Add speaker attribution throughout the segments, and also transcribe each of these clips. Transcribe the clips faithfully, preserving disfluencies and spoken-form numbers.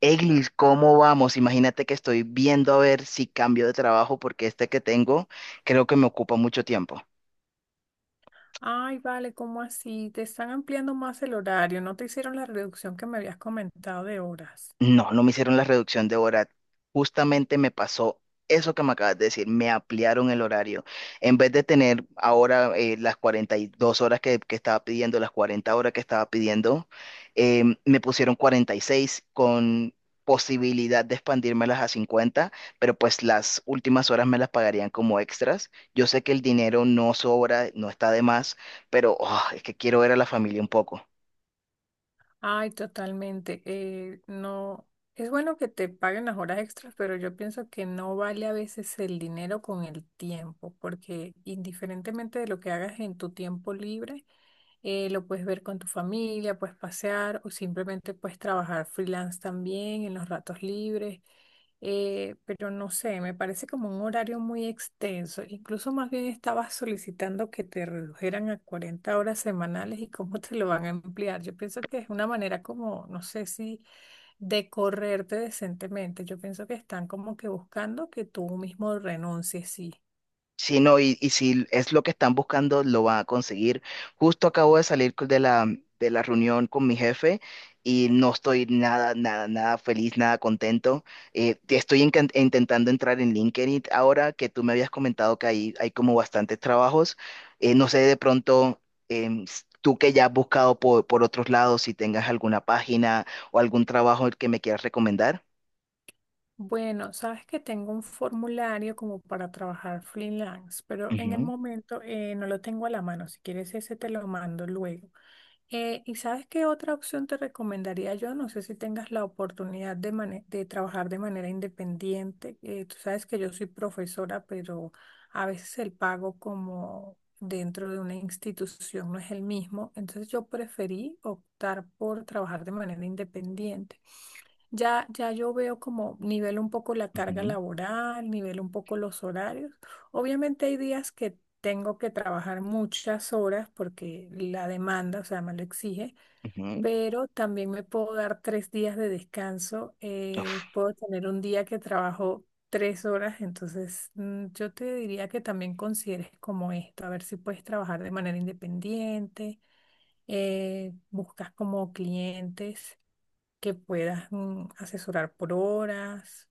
Speaker 1: Eglis, ¿cómo vamos? Imagínate que estoy viendo a ver si cambio de trabajo porque este que tengo creo que me ocupa mucho tiempo.
Speaker 2: Ay, vale, ¿cómo así? Te están ampliando más el horario, no te hicieron la reducción que me habías comentado de horas.
Speaker 1: No, no me hicieron la reducción de hora. Justamente me pasó eso que me acabas de decir. Me ampliaron el horario. En vez de tener ahora eh, las cuarenta y dos horas que, que estaba pidiendo, las cuarenta horas que estaba pidiendo, eh, me pusieron cuarenta y seis con posibilidad de expandírmelas a cincuenta, pero pues las últimas horas me las pagarían como extras. Yo sé que el dinero no sobra, no está de más, pero oh, es que quiero ver a la familia un poco.
Speaker 2: Ay, totalmente. Eh, no, es bueno que te paguen las horas extras, pero yo pienso que no vale a veces el dinero con el tiempo, porque indiferentemente de lo que hagas en tu tiempo libre, eh, lo puedes ver con tu familia, puedes pasear o simplemente puedes trabajar freelance también en los ratos libres. Eh, pero no sé, me parece como un horario muy extenso. Incluso más bien estabas solicitando que te redujeran a cuarenta horas semanales y cómo te lo van a ampliar. Yo pienso que es una manera como, no sé si, de correrte decentemente. Yo pienso que están como que buscando que tú mismo renuncies, sí.
Speaker 1: Sí, no, y, y si es lo que están buscando, lo van a conseguir. Justo acabo de salir co- de la, de la reunión con mi jefe y no estoy nada, nada, nada feliz, nada contento. Eh, te estoy incan- intentando entrar en LinkedIn ahora que tú me habías comentado que ahí hay como bastantes trabajos. Eh, no sé, de pronto, em, s- tú que ya has buscado por, por otros lados, si tengas alguna página o algún trabajo que me quieras recomendar.
Speaker 2: Bueno, sabes que tengo un formulario como para trabajar freelance, pero en el
Speaker 1: Ujú,
Speaker 2: momento eh, no lo tengo a la mano. Si quieres ese te lo mando luego. Eh, ¿y sabes qué otra opción te recomendaría yo? No sé si tengas la oportunidad de, mane- de trabajar de manera independiente. Eh, tú sabes que yo soy profesora, pero a veces el pago como dentro de una institución no es el mismo. Entonces yo preferí optar por trabajar de manera independiente. Ya, ya yo veo como nivel un poco la carga
Speaker 1: ujú,
Speaker 2: laboral, nivel un poco los horarios. Obviamente hay días que tengo que trabajar muchas horas porque la demanda, o sea, me lo exige,
Speaker 1: ujú.
Speaker 2: pero también me puedo dar tres días de descanso. Eh,
Speaker 1: Uf.
Speaker 2: puedo tener un día que trabajo tres horas, entonces mm, yo te diría que también consideres como esto, a ver si puedes trabajar de manera independiente, eh, buscas como clientes que puedas mm, asesorar por horas.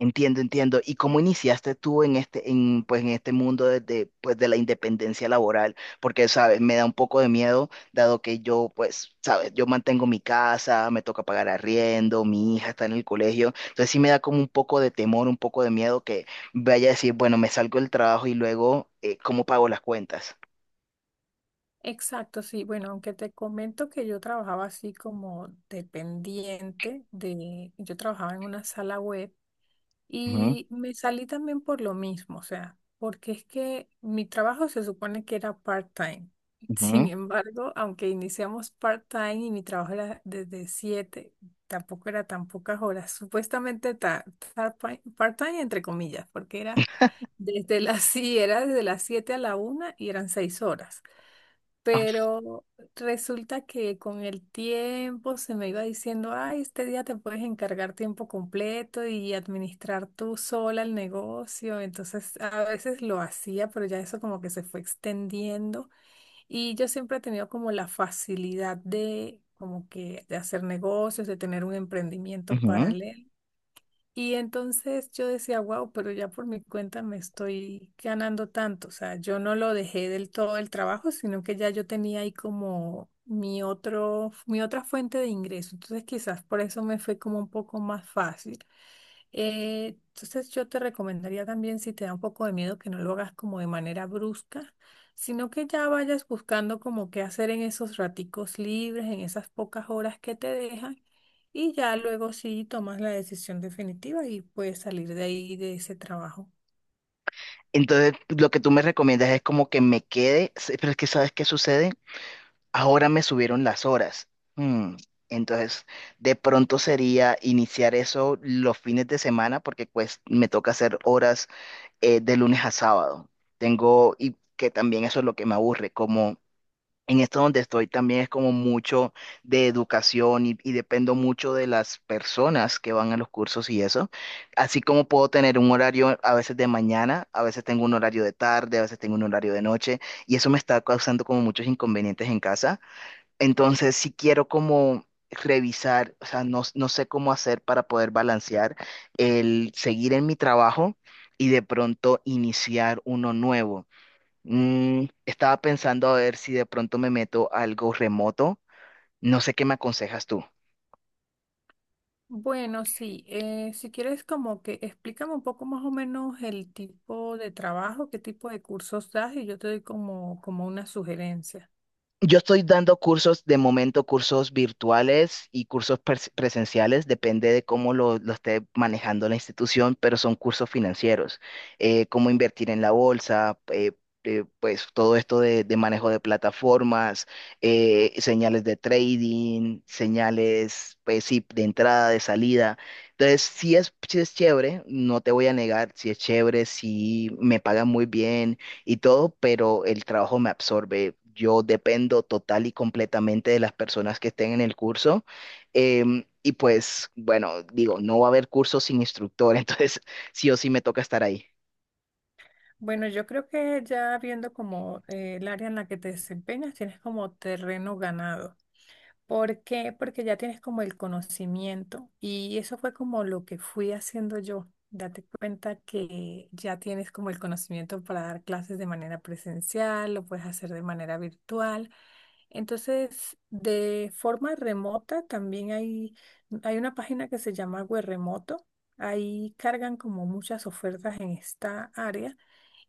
Speaker 1: Entiendo, entiendo. ¿Y cómo iniciaste tú en este, en, pues, en este mundo desde, pues, de la independencia laboral? Porque, sabes, me da un poco de miedo, dado que yo, pues, sabes, yo mantengo mi casa, me toca pagar arriendo, mi hija está en el colegio. Entonces sí me da como un poco de temor, un poco de miedo que vaya a decir, bueno, me salgo del trabajo y luego, eh, ¿cómo pago las cuentas?
Speaker 2: Exacto, sí. Bueno, aunque te comento que yo trabajaba así como dependiente de, yo trabajaba en una sala web
Speaker 1: Ujú,
Speaker 2: y me salí también por lo mismo, o sea, porque es que mi trabajo se supone que era part-time. Sin
Speaker 1: ujú,
Speaker 2: embargo, aunque iniciamos part-time y mi trabajo era desde siete, tampoco era tan pocas horas, supuestamente ta- tar- part-time entre comillas, porque era. Desde las, sí, era desde las siete a la una y eran seis horas.
Speaker 1: ah,
Speaker 2: Pero resulta que con el tiempo se me iba diciendo, ay, este día te puedes encargar tiempo completo y administrar tú sola el negocio. Entonces a veces lo hacía, pero ya eso como que se fue extendiendo. Y yo siempre he tenido como la facilidad de como que de hacer negocios, de tener un emprendimiento
Speaker 1: ujú.
Speaker 2: paralelo. Y entonces yo decía, wow, pero ya por mi cuenta me estoy ganando tanto. O sea, yo no lo dejé del todo el trabajo, sino que ya yo tenía ahí como mi otro, mi otra fuente de ingreso. Entonces quizás por eso me fue como un poco más fácil. Eh, entonces yo te recomendaría también, si te da un poco de miedo, que no lo hagas como de manera brusca, sino que ya vayas buscando como qué hacer en esos raticos libres, en esas pocas horas que te dejan, y ya luego sí tomas la decisión definitiva y puedes salir de ahí, de ese trabajo.
Speaker 1: Entonces, lo que tú me recomiendas es como que me quede, se- pero es que ¿sabes qué sucede? Ahora me subieron las horas. Mm, Entonces, de pronto sería iniciar eso los fines de semana porque pues me toca hacer horas, eh, de lunes a sábado. Tengo, y que también eso es lo que me aburre, como en esto donde estoy también es como mucho de educación y, y dependo mucho de las personas que van a los cursos y eso. Así como puedo tener un horario a veces de mañana, a veces tengo un horario de tarde, a veces tengo un horario de noche, y eso me está causando como muchos inconvenientes en casa. Entonces, si quiero como revisar, o sea, no, no sé cómo hacer para poder balancear el seguir en mi trabajo y de pronto iniciar uno nuevo. Mm, estaba pensando a ver si de pronto me meto a algo remoto. No sé qué me aconsejas tú.
Speaker 2: Bueno, sí, eh, si quieres como que explícame un poco más o menos el tipo de trabajo, qué tipo de cursos das y yo te doy como, como una sugerencia.
Speaker 1: Yo estoy dando cursos, de momento, cursos virtuales y cursos pres- presenciales, depende de cómo lo, lo esté manejando la institución, pero son cursos financieros. Eh, cómo invertir en la bolsa, eh, eh, pues todo esto de, de manejo de plataformas, eh, señales de trading, señales, pues sí, de entrada, de salida. Entonces, sí es, sí es chévere, no te voy a negar, sí es chévere, sí me pagan muy bien y todo, pero el trabajo me absorbe. Yo dependo total y completamente de las personas que estén en el curso. Em, y pues, bueno, digo, no va a haber cursos sin instructor, entonces sí o sí me toca estar ahí.
Speaker 2: Bueno, yo creo que ya viendo como eh, el área en la que te desempeñas, tienes como terreno ganado. ¿Por qué? Porque ya tienes como el conocimiento y eso fue como lo que fui haciendo yo. Date cuenta que ya tienes como el conocimiento para dar clases de manera presencial, lo puedes hacer de manera virtual. Entonces, de forma remota también hay, hay una página que se llama Remoto. Ahí cargan como muchas ofertas en esta área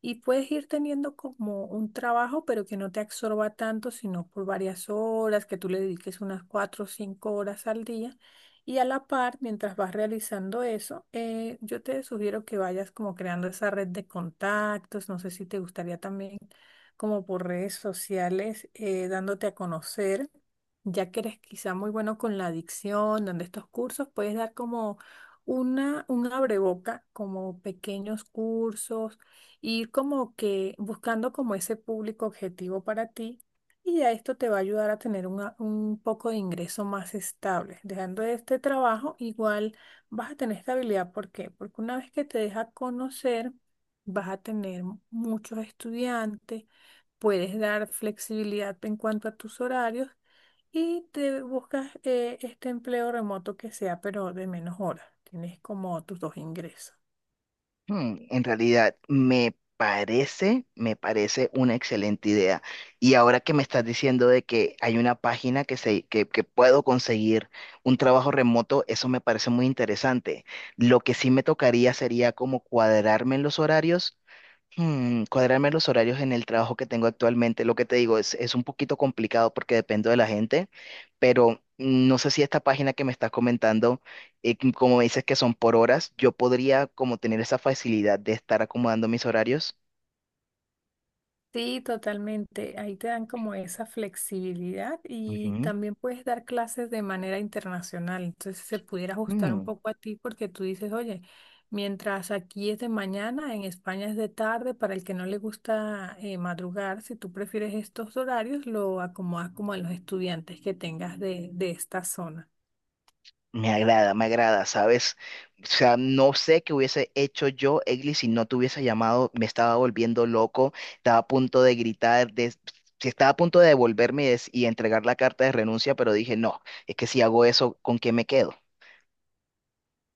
Speaker 2: y puedes ir teniendo como un trabajo, pero que no te absorba tanto, sino por varias horas, que tú le dediques unas cuatro o cinco horas al día. Y a la par, mientras vas realizando eso, eh, yo te sugiero que vayas como creando esa red de contactos. No sé si te gustaría también como por redes sociales, eh, dándote a conocer, ya que eres quizá muy bueno con la adicción, donde estos cursos puedes dar como una, un abreboca, como pequeños cursos, ir como que buscando como ese público objetivo para ti y ya esto te va a ayudar a tener una- un poco de ingreso más estable. Dejando este trabajo, igual vas a tener estabilidad. ¿Por qué? Porque una vez que te deja conocer, vas a tener muchos estudiantes, puedes dar flexibilidad en cuanto a tus horarios y te buscas eh, este empleo remoto que sea, pero de menos horas. Tienes como tus dos ingresos.
Speaker 1: Hmm, en realidad, me parece, me parece una excelente idea. Y ahora que me estás diciendo de que hay una página que, se, que, que puedo conseguir un trabajo remoto, eso me parece muy interesante. Lo que sí me tocaría sería como cuadrarme en los horarios. Hmm, cuadrarme los horarios en el trabajo que tengo actualmente, lo que te digo es es un poquito complicado porque dependo de la gente, pero no sé si esta página que me estás comentando, eh, c- como me dices que son por horas, yo podría como tener esa facilidad de estar acomodando mis horarios.
Speaker 2: Sí, totalmente. Ahí te dan como esa flexibilidad y también puedes dar clases de manera internacional. Entonces se pudiera ajustar un
Speaker 1: Ujú.
Speaker 2: poco a ti porque tú dices, oye, mientras aquí es de mañana, en España es de tarde, para el que no le gusta eh, madrugar, si tú prefieres estos horarios, lo acomodas como a los estudiantes que tengas de, de esta zona.
Speaker 1: Me agrada, me agrada, ¿sabes? O sea, no sé qué hubiese hecho yo, Egli, si no te hubiese llamado. Me estaba volviendo loco, estaba a punto de gritar, de- sí, estaba a punto de devolverme y, des- y entregar la carta de renuncia, pero dije, no, es que si hago eso, ¿con qué me quedo?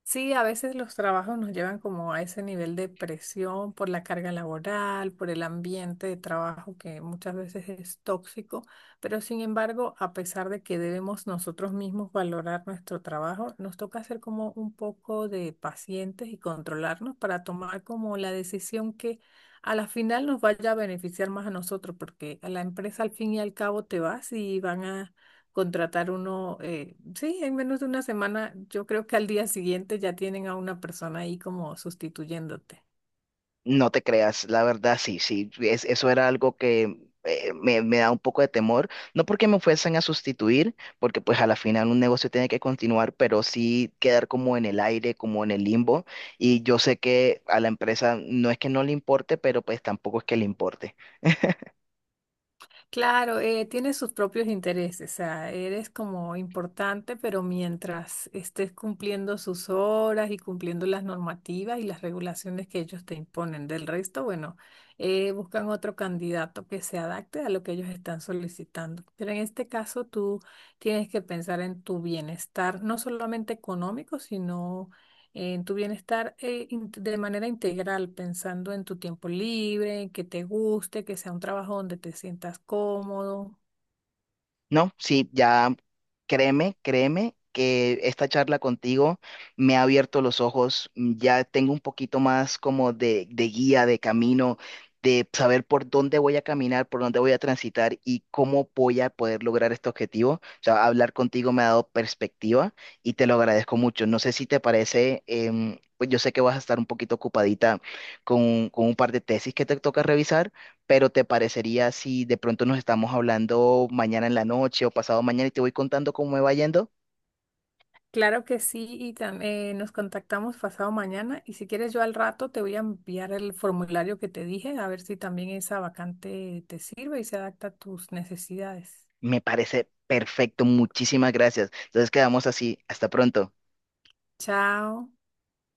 Speaker 2: Sí, a veces los trabajos nos llevan como a ese nivel de presión por la carga laboral, por el ambiente de trabajo que muchas veces es tóxico, pero sin embargo, a pesar de que debemos nosotros mismos valorar nuestro trabajo, nos toca ser como un poco de pacientes y controlarnos para tomar como la decisión que a la final nos vaya a beneficiar más a nosotros, porque a la empresa al fin y al cabo te vas y van a contratar uno, eh, sí, en menos de una semana, yo creo que al día siguiente ya tienen a una persona ahí como sustituyéndote.
Speaker 1: No te creas, la verdad sí, sí, es- eso era algo que eh, me, me da un poco de temor, no porque me fuesen a sustituir, porque pues a la final un negocio tiene que continuar, pero sí quedar como en el aire, como en el limbo, y yo sé que a la empresa no es que no le importe, pero pues tampoco es que le importe.
Speaker 2: Claro, eh, tiene sus propios intereses, o sea, eres como importante, pero mientras estés cumpliendo sus horas y cumpliendo las normativas y las regulaciones que ellos te imponen. Del resto, bueno, eh, buscan otro candidato que se adapte a lo que ellos están solicitando. Pero en este caso, tú tienes que pensar en tu bienestar, no solamente económico, sino en tu bienestar eh, in- de manera integral, pensando en tu tiempo libre, que te guste, que sea un trabajo donde te sientas cómodo.
Speaker 1: No, sí, ya créeme, créeme que esta charla contigo me ha abierto los ojos. Mm, ya tengo un poquito más como de, de guía, de camino, de saber por dónde voy a caminar, por dónde voy a transitar y cómo voy a poder lograr este objetivo. O sea, hablar contigo me ha dado perspectiva y te lo agradezco mucho. No sé si te parece, em, pues yo sé que vas a estar un poquito ocupadita con, con un par de tesis que te toca revisar, pero ¿te parecería si de pronto nos estamos hablando mañana en la noche o pasado mañana y te voy contando cómo me va yendo?
Speaker 2: Claro que sí, y tam- eh, nos contactamos pasado mañana y si quieres yo al rato te voy a enviar el formulario que te dije, a ver si también esa vacante te sirve y se adapta a tus necesidades.
Speaker 1: Me parece perfecto, muchísimas gracias. Entonces quedamos así, hasta pronto.
Speaker 2: Chao.